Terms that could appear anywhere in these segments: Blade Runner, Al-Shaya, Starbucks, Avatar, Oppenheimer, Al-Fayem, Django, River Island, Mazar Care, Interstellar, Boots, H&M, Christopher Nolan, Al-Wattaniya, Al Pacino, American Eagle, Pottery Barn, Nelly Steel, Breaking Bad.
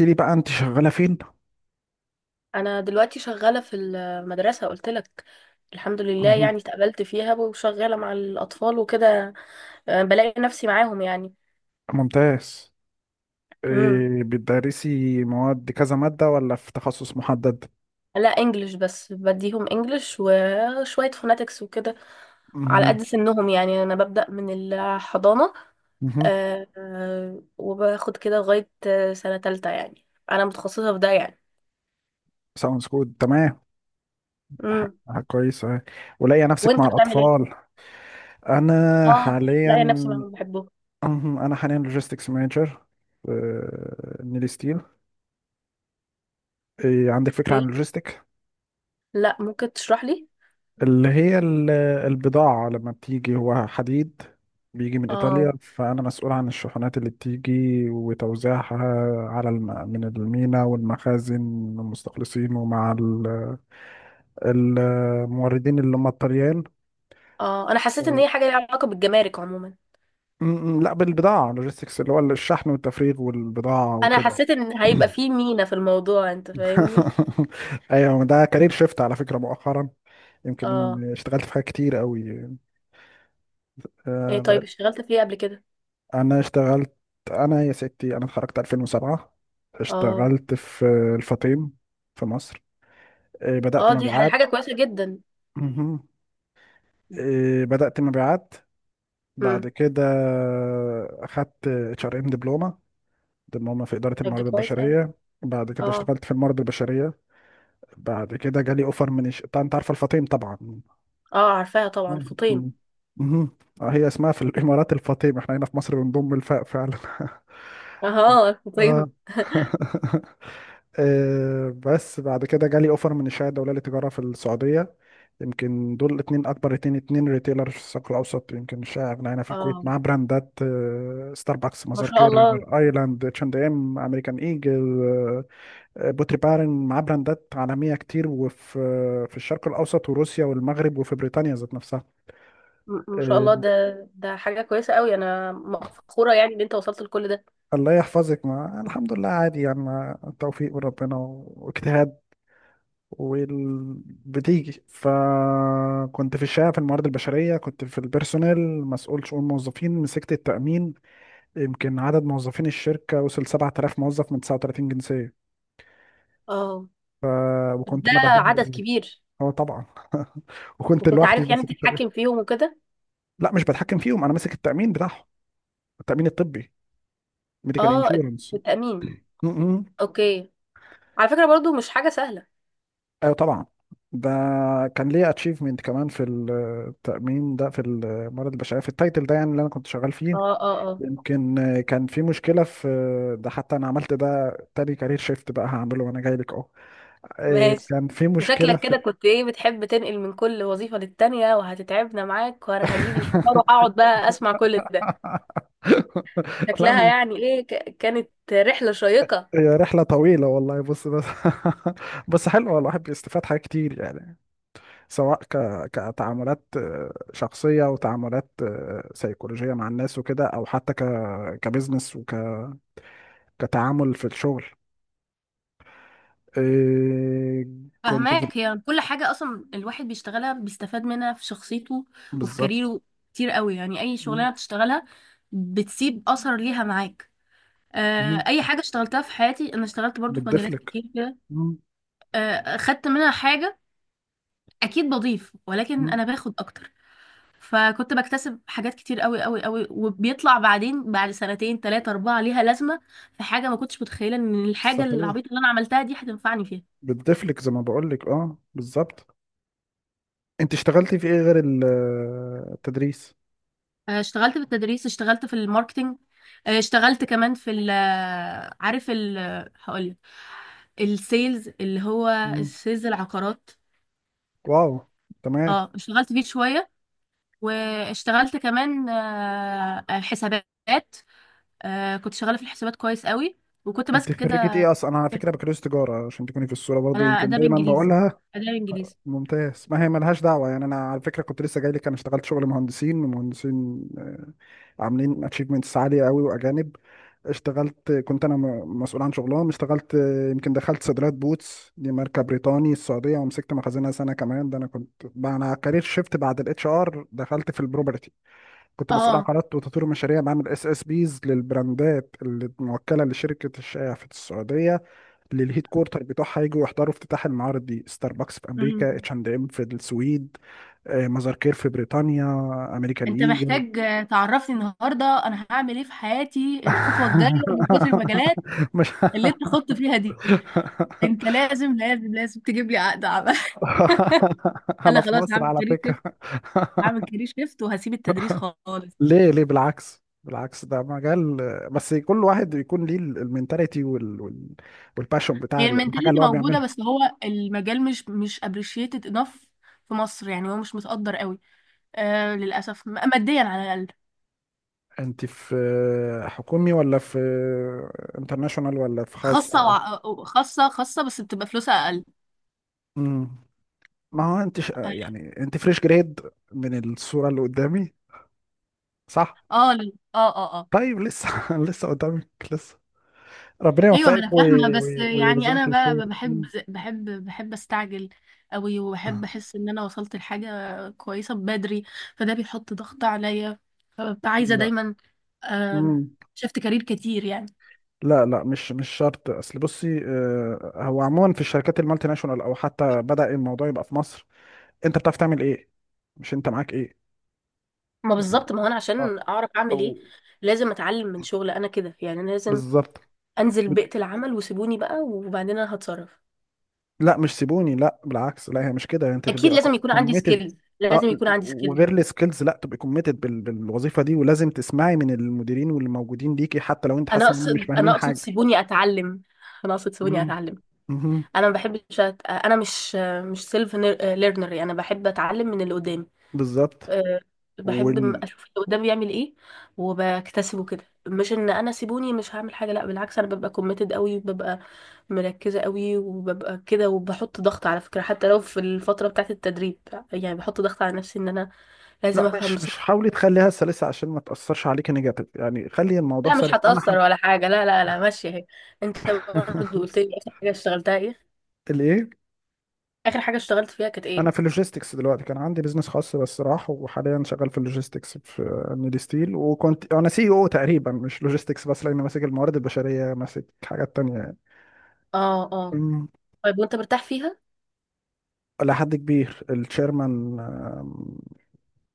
قلت لي بقى انت شغاله فين؟ انا دلوقتي شغاله في المدرسه، قلت لك. الحمد لله، مهم. يعني اتقبلت فيها وشغاله مع الاطفال وكده. آه، بلاقي نفسي معاهم يعني. ممتاز. امم إيه بتدرسي مواد كذا ماده ولا في تخصص محدد؟ لا، انجلش بس، بديهم انجلش وشويه فوناتكس وكده، على مهم. قد سنهم يعني. انا ببدا من الحضانه امم وباخد كده لغايه سنه تالتة يعني، انا متخصصه في ده يعني. ساوندز جود، تمام. امم. كويس أهي. ولاقيه نفسك وانت مع بتعمل ايه؟ الاطفال. انا اه، حاليا، لاقي نفسي معاهم بحبهم. مهم، انا حاليا لوجيستكس مانجر في نيلي ستيل. إيه عندك فكره عن اوكي، اللوجيستكس؟ لا، ممكن تشرح لي؟ اللي هي ال- البضاعة لما بتيجي هو حديد، بيجي من إيطاليا، اه. فأنا مسؤول عن الشحنات اللي بتيجي وتوزيعها من المينا والمخازن، المستخلصين، ومع الموردين اللي هم الطليان. اه، انا حسيت ان و... هي حاجه ليها علاقه بالجمارك عموما. م- لا، بالبضاعة، لوجيستكس اللي هو الشحن والتفريغ والبضاعة انا وكده. حسيت ان هيبقى في مينا في الموضوع، انت فاهمني؟ أيوة، ده كارير شيفت على فكرة مؤخرا. يمكن اه. اشتغلت في حاجات كتير قوي. ايه طيب، اشتغلت في ايه قبل كده؟ انا اشتغلت انا يا ستي، انا اتخرجت 2007، اه. اشتغلت في الفطيم في مصر. بدأت اه، دي مبيعات. حاجه كويسه جدا. مهم. بدأت مبيعات. بعد امم. كده اخدت اتش ار ام دبلومه، دبلومه في اداره طيب، دي الموارد كويس قوي. البشريه. بعد كده اه. اشتغلت في الموارد البشريه. بعد كده جالي اوفر من انت عارفه الفطيم طبعا. اه، عارفاها طبعا، آه، فطيم. مم. مهم. هي اسمها في الامارات الفطيم، احنا هنا في مصر بنضم الفاء فعلا. اه، اه فطيم. بس بعد كده جالي اوفر من الشهاده الدوليه للتجاره في السعوديه. يمكن دول الاثنين اكبر اتنين ريتيلر في الشرق الاوسط، يمكن مش اغنى هنا في الكويت، اه. مع براندات، ستاربكس، ما مازار شاء كير، الله. ريفر ايلاند، اتش اند ام، امريكان ايجل، بوتري بارن، مع براندات عالميه كتير، وفي آه، في الشرق الاوسط وروسيا والمغرب وفي بريطانيا ذات نفسها. ما شاء آه، الله ده. ده حاجه كويسه قوي، انا فخوره يعني ان انت وصلت لكل ده. الله يحفظك، ما الحمد لله عادي يعني، التوفيق من ربنا واجتهاد. وبتيجي، فكنت في الشقه في الموارد البشريه، كنت في البيرسونيل، مسؤول شؤون موظفين، مسكت التامين. يمكن عدد موظفين الشركه وصل 7000 موظف من 39 جنسيه. اه، ف... بس وكنت ده انا عدد بهندل. كبير. اه طبعا. وكنت وكنت لوحدي عارف يعني ماسك التامين. تتحكم فيهم وكده؟ لا مش بتحكم فيهم، انا ماسك التامين بتاعهم، التامين الطبي، ميديكال اه، انشورنس. التأمين. ايوه اوكي. على فكرة، برضو مش حاجة سهلة. طبعا. ده كان ليا اتشيفمنت كمان في التامين ده، في الموارد البشريه، في التايتل ده يعني اللي انا كنت شغال فيه. اه، اه، اه، يمكن كان في مشكلة في، ده حتى أنا عملت ده، تاني كارير شيفت بقى هعمله وأنا جاي لك أهو. ماشي. كان في مشكلة شكلك في. كده كنت ايه، بتحب تنقل من كل وظيفة للتانية، وهتتعبنا معاك وانا هجيب الفطار وهقعد بقى اسمع كل ده. لا شكلها مش يعني ايه، كانت رحلة شيقة. هي رحلة طويلة والله، بص بس. بس حلوة، الواحد بيستفاد حاجات كتير يعني، سواء كتعاملات شخصية، وتعاملات سيكولوجية مع الناس وكده، أو حتى كبزنس، كتعامل في الشغل. إيه... كنت في، فهماك، هي كل حاجة أصلا الواحد بيشتغلها بيستفاد منها في شخصيته وفي بالظبط، كاريره. كتير قوي يعني، أي شغلانة بتشتغلها بتسيب أثر ليها معاك. آه، أي حاجة اشتغلتها في حياتي، أنا اشتغلت برضو في مجالات بتضيفلك. كتير كده. مم، آه، خدت منها حاجة. اكيد بضيف، ولكن مم، انا باخد اكتر. فكنت بكتسب حاجات كتير قوي قوي قوي، وبيطلع بعدين بعد سنتين تلاتة اربعة ليها لازمة. في حاجة ما كنتش متخيلة ان الحاجة صحيح، العبيطة اللي انا عملتها دي هتنفعني فيها. بتضيفلك زي ما بقولك، اه بالظبط. انت اشتغلتي في ايه غير التدريس؟ آه، اشتغلت في التدريس، اشتغلت في الماركتينج، اشتغلت كمان في ال، عارف ال، هقولك، السيلز اللي هو مم. السيلز العقارات. واو، تمام. اه، اشتغلت فيه شوية. واشتغلت كمان حسابات. آه، كنت شغاله في الحسابات كويس قوي، وكنت انت ماسكه خريجة كده. ايه اصلا؟ انا على فكرة بكالوريوس تجارة، عشان تكوني في الصورة انا برضو، يمكن اداب دايما انجليزي، بقولها. اداب انجليزي. ممتاز. ما هي ملهاش دعوة يعني، أنا على فكرة كنت لسه جاي لك. أنا اشتغلت شغل مهندسين، ومهندسين عاملين أتشيفمنتس عالية قوي وأجانب. اشتغلت، كنت أنا مسؤول عن شغلهم. اشتغلت، يمكن دخلت صيدليات بوتس، دي ماركة بريطاني السعودية، ومسكت مخازنها سنة كمان. ده أنا كنت بقى، أنا كارير شيفت بعد الاتش ار دخلت في البروبرتي، كنت مسؤول عن اه، قرارات وتطوير المشاريع، بعمل اس اس بيز للبراندات الموكلة لشركة الشايع في السعودية. للهيد كورتر بتوعها، يجوا يحضروا افتتاح المعارض دي، ستاربكس في امريكا، امم. اتش اند ام في السويد، مزار كير في بريطانيا، امريكان انت ايجل. محتاج تعرفني النهارده انا هعمل ايه في حياتي، الخطوه الجايه، من كتر المجالات مش اللي انت خدت فيها دي. انت لازم لازم لازم تجيب لي عقد عمل. انا انا في خلاص مصر هعمل على كارير شيفت. فكرة. هعمل كارير شيفت وهسيب التدريس خالص. ليه بالعكس، بالعكس، ده مجال، بس كل واحد بيكون ليه المينتاليتي، والباشون بتاع هي الحاجة المنتاليتي اللي هو موجوده، بيعملها. بس هو المجال مش appreciated enough في مصر، يعني هو مش متقدر قوي. آه، للاسف ماديا على الاقل. انت في حكومي ولا في انترناشونال ولا في خاص؟ خاصة وع... خاصة، خاصة، بس بتبقى فلوسها أقل. امم. ما هو انت يعني انت فريش جريد من الصورة اللي قدامي، صح؟ اه، اه، اه، اه. طيب، لسه لسه قدامك لسه، ربنا ايوه، ما يوفقك انا فاهمه، بس يعني انا ويرزقك بقى الخير. ب- بحب مم. بحب بحب استعجل قوي، وبحب احس ان انا وصلت لحاجه كويسه بدري، فده بيحط ضغط عليا، فببقى عايزه لا. دايما. آم، مم. شفت كارير كتير يعني. لا، مش شرط. اصل بصي، هو عموما في الشركات المالتي ناشونال، او حتى بدأ الموضوع يبقى في مصر، انت بتعرف تعمل ايه؟ مش انت معاك ايه؟ ما يعني، بالظبط، ما هو انا اه، عشان اعرف اعمل ايه أو- لازم اتعلم من شغل، انا كده يعني، أنا لازم بالظبط. انزل بيئه العمل وسيبوني بقى، وبعدين انا هتصرف. لا مش سيبوني، لا بالعكس، لا هي مش كده، انت اكيد تبقى لازم يكون عندي كوميتد. سكيلز، لازم لا، يكون عندي سكيلز. وغير السكيلز، لا تبقى كوميتد بالوظيفه دي، ولازم تسمعي من المديرين واللي موجودين ليكي، حتى لو انت انا حاسه انهم مش اقصد انا فاهمين اقصد حاجه. سيبوني اتعلم انا اقصد سيبوني امم. اتعلم. امم. انا ما بحبش انا مش سيلف ليرنر، انا بحب اتعلم من اللي قدامي. بالظبط. أه، بحب وال، اشوف اللي قدامي بيعمل ايه وبكتسبه كده، مش ان انا سيبوني مش هعمل حاجه، لا بالعكس، انا ببقى كوميتد قوي وببقى مركزه قوي وببقى كده، وبحط ضغط على فكره حتى لو في الفتره بتاعه التدريب، يعني بحط ضغط على نفسي ان انا لازم لا افهم مش بسرعه. حاولي تخليها سلسه عشان ما تاثرش عليكي نيجاتيف، يعني خلي الموضوع لا، مش سلس. انا هتأثر حب ولا حاجة، لا، لا، لا، ماشية اهي. انت برضو قلت لي، اخر حاجة اشتغلتها ايه؟ الايه؟ اخر حاجه اشتغلت فيها كانت ايه؟ انا في اللوجيستكس دلوقتي. كان عندي بزنس خاص بس راح، وحاليا شغال في اللوجيستكس في نيدي ستيل، وكنت انا سي او تقريبا، مش لوجيستكس بس، لاني ماسك الموارد البشريه، ماسك حاجات تانية يعني. اه، اه، أمم. طيب، وانت مرتاح فيها؟ إلى حد كبير، التشيرمان آم،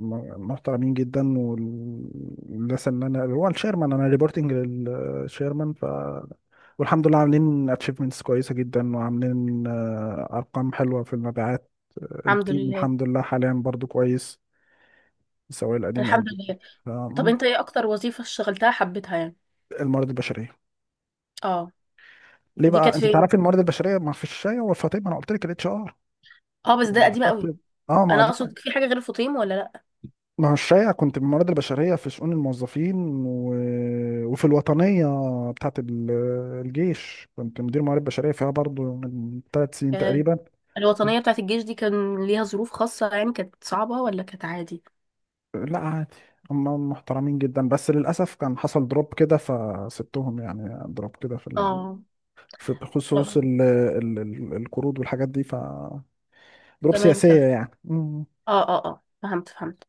م- محترمين جدا، والناس اللي انا، هو التشيرمان، انا ريبورتنج للتشيرمان، ف، والحمد لله عاملين اتشيفمنتس كويسه جدا، وعاملين ارقام حلوه في المبيعات. الحمد التيم لله. الحمد لله حاليا برضو كويس، سواء القديم او الحمد الجديد. لله. طب مم. انت ايه اكتر وظيفه اشتغلتها حبيتها يعني؟ الموارد البشريه. اه، ليه دي بقى؟ كانت انت فين؟ تعرفي الموارد البشريه، ما في الشايع والفطيب، ما انا قلت لك الاتش ار. اه، بس ده لما قديمه قوي. اخدت، اه ما انا دي، اقصد في حاجه غير الفطيم، ولا لا؟ ما هو الشايع كنت بالموارد البشريه في شؤون الموظفين، و... وفي الوطنيه بتاعت الجيش، كنت مدير موارد بشريه فيها برضو من ثلاث سنين آه. تقريبا. الوطنيه بتاعت الجيش دي كان ليها ظروف خاصه يعني، كانت صعبه ولا كانت عادي؟ لا عادي، هم محترمين جدا، بس للاسف كان حصل دروب كده فسبتهم يعني، دروب كده في اه. في خصوص آه. القروض والحاجات دي، ف ضروب تمام، سياسية تمام. يعني. مم. اه، اه، اه، فهمت، فهمت.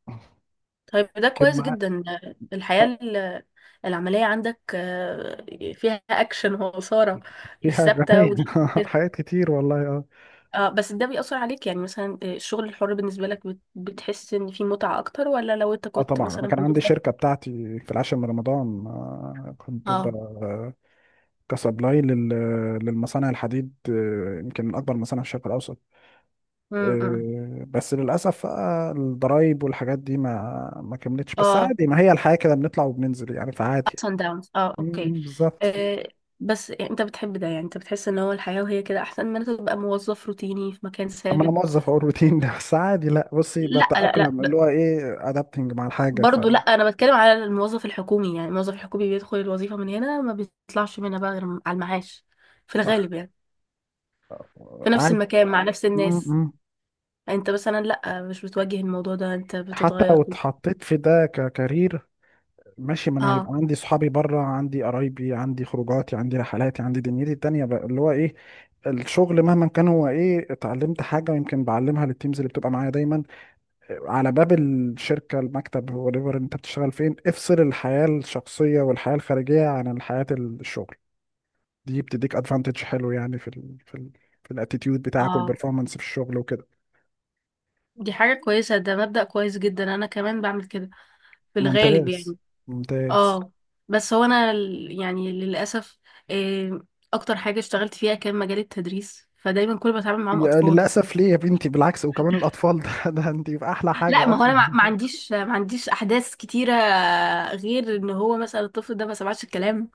طيب ده كان كويس معاه، جدا، الحياه آه، العمليه عندك فيها اكشن وإثارة، مش فيها ثابته غنية. ودي. حاجات كتير والله، اه. اه، بس ده بيأثر عليك يعني، مثلا الشغل الحر بالنسبة لك بتحس ان فيه متعة اكتر، ولا لو انت اه كنت طبعا، انا مثلا كان عندي موظف؟ شركة بتاعتي في العاشر من رمضان، اه. كسبلاي للمصانع الحديد، يمكن من اكبر مصانع في الشرق الاوسط. امم. بس للاسف بقى الضرايب والحاجات دي ما كملتش، بس اه. عادي، ما هي الحياة كده، بنطلع وبننزل يعني، فعادي. ups and downs. اه، اوكي. بالظبط. آه، بس يعني انت بتحب ده يعني، انت بتحس ان هو الحياة وهي كده احسن من انت تبقى موظف روتيني في مكان اما انا ثابت؟ موظف، اقول روتين ده بس عادي، لا بصي، لا، لا، لا، بتأقلم اللي هو ايه، ادابتنج مع الحاجة، ف برضو لا، انا بتكلم على الموظف الحكومي، يعني الموظف الحكومي بيدخل الوظيفة من هنا، ما بيطلعش منها بقى غير على المعاش، في الغالب يعني، في نفس عادي. المكان مع نفس م- الناس. م. انت مثلا لا، مش بتواجه الموضوع ده، انت حتى بتتغير لو كده. اتحطيت في ده ككارير، ماشي، ما انا هيبقى اه، عندي صحابي بره، عندي قرايبي، عندي خروجاتي، عندي رحلاتي، عندي دنيتي التانية بقى، اللي هو ايه الشغل. مهما كان، هو ايه، اتعلمت حاجة ويمكن بعلمها للتيمز اللي بتبقى معايا دايما. على باب الشركة، المكتب، وريفر انت بتشتغل فين، افصل الحياة الشخصية والحياة الخارجية عن حياة الشغل، دي بتديك ادفانتج حلو يعني، في الاتيتيود بتاعك اه، والبرفورمانس في الشغل وكده. دي حاجة كويسة، ده مبدأ كويس جدا، انا كمان بعمل كده في الغالب ممتاز يعني. ممتاز. اه، بس هو انا يعني للأسف، إيه، اكتر حاجة اشتغلت فيها كان مجال التدريس، فدايما كل ما بتعامل معاهم يا اطفال. للأسف، ليه يا بنتي؟ بالعكس، وكمان الأطفال، ده أنت في أحلى لا، حاجة ما هو انا أصلا. ما عنديش احداث كتيرة، غير ان هو مثلا الطفل ده ما سمعش الكلام.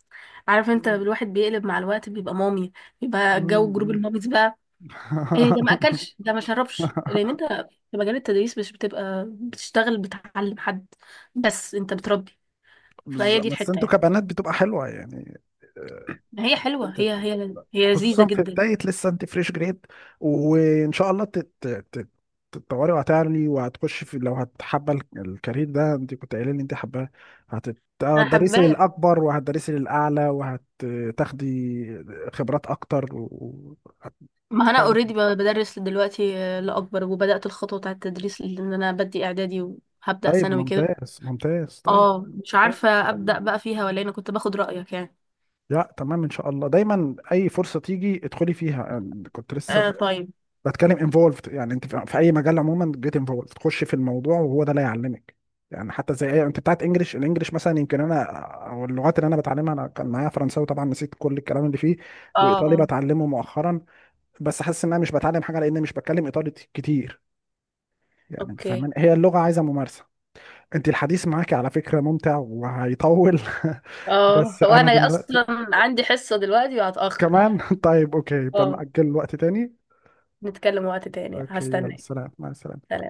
عارف انت، مم. الواحد بيقلب مع الوقت بيبقى مامي، بيبقى جو جروب مم. الماميز بقى. إيه، ده ما اكلش، ده ما شربش، لان انت في مجال التدريس مش بتبقى بتشتغل بتعلم حد، بس انت بتربي. فهي بالظبط، دي بس الحته أنتوا يعني. كبنات بتبقى حلوة يعني. آه، هي حلوه، أنت، هي لذيذه خصوصا في جدا. بداية، لسه أنت فريش جريد، وإن شاء الله تت... تتطوري، وهتعلي، وهتخش في، لو هتحب الكارير ده، أنت كنت قايلة لي أنت حباه، انا هتدرسي حباك. للأكبر، وهتدرسي للأعلى، وهتاخدي خبرات أكتر ما إن انا شاء الله. اوريدي بدرس دلوقتي لاكبر، وبدات الخطوه بتاعه التدريس لان انا بدي اعدادي وهبدا طيب، ثانوي كده. ممتاز ممتاز، طيب. اه، مش طيب عارفه ابدا بقى فيها ولا إيه، انا كنت باخد رايك يعني. لا تمام، ان شاء الله دايما اي فرصه تيجي ادخلي فيها. أنا كنت لسه آه، طيب. بتكلم انفولفد يعني، انت في في اي مجال عموما، جيت انفولفد، تخش في الموضوع، وهو ده اللي هيعلمك يعني. حتى زي انت بتاعت انجلش، الانجليش مثلا يمكن انا، او اللغات اللي انا بتعلمها، انا كان معايا فرنساوي طبعا، نسيت كل الكلام اللي فيه. اه، وايطالي اه، بتعلمه مؤخرا، بس حاسس ان انا مش بتعلم حاجه، لان مش بتكلم ايطالي كتير يعني، انت اوكي. فاهمان، هي اللغه عايزه ممارسه. انت الحديث معاكي على فكرة ممتع وهيطول. اه، بس هو انا انا دلوقتي اصلا عندي حصه دلوقتي وهتاخر. كمان. طيب اوكي، اه، بنأجل الوقت تاني. نتكلم وقت تاني، اوكي، يلا هستناك. سلام، مع سلام. السلامة.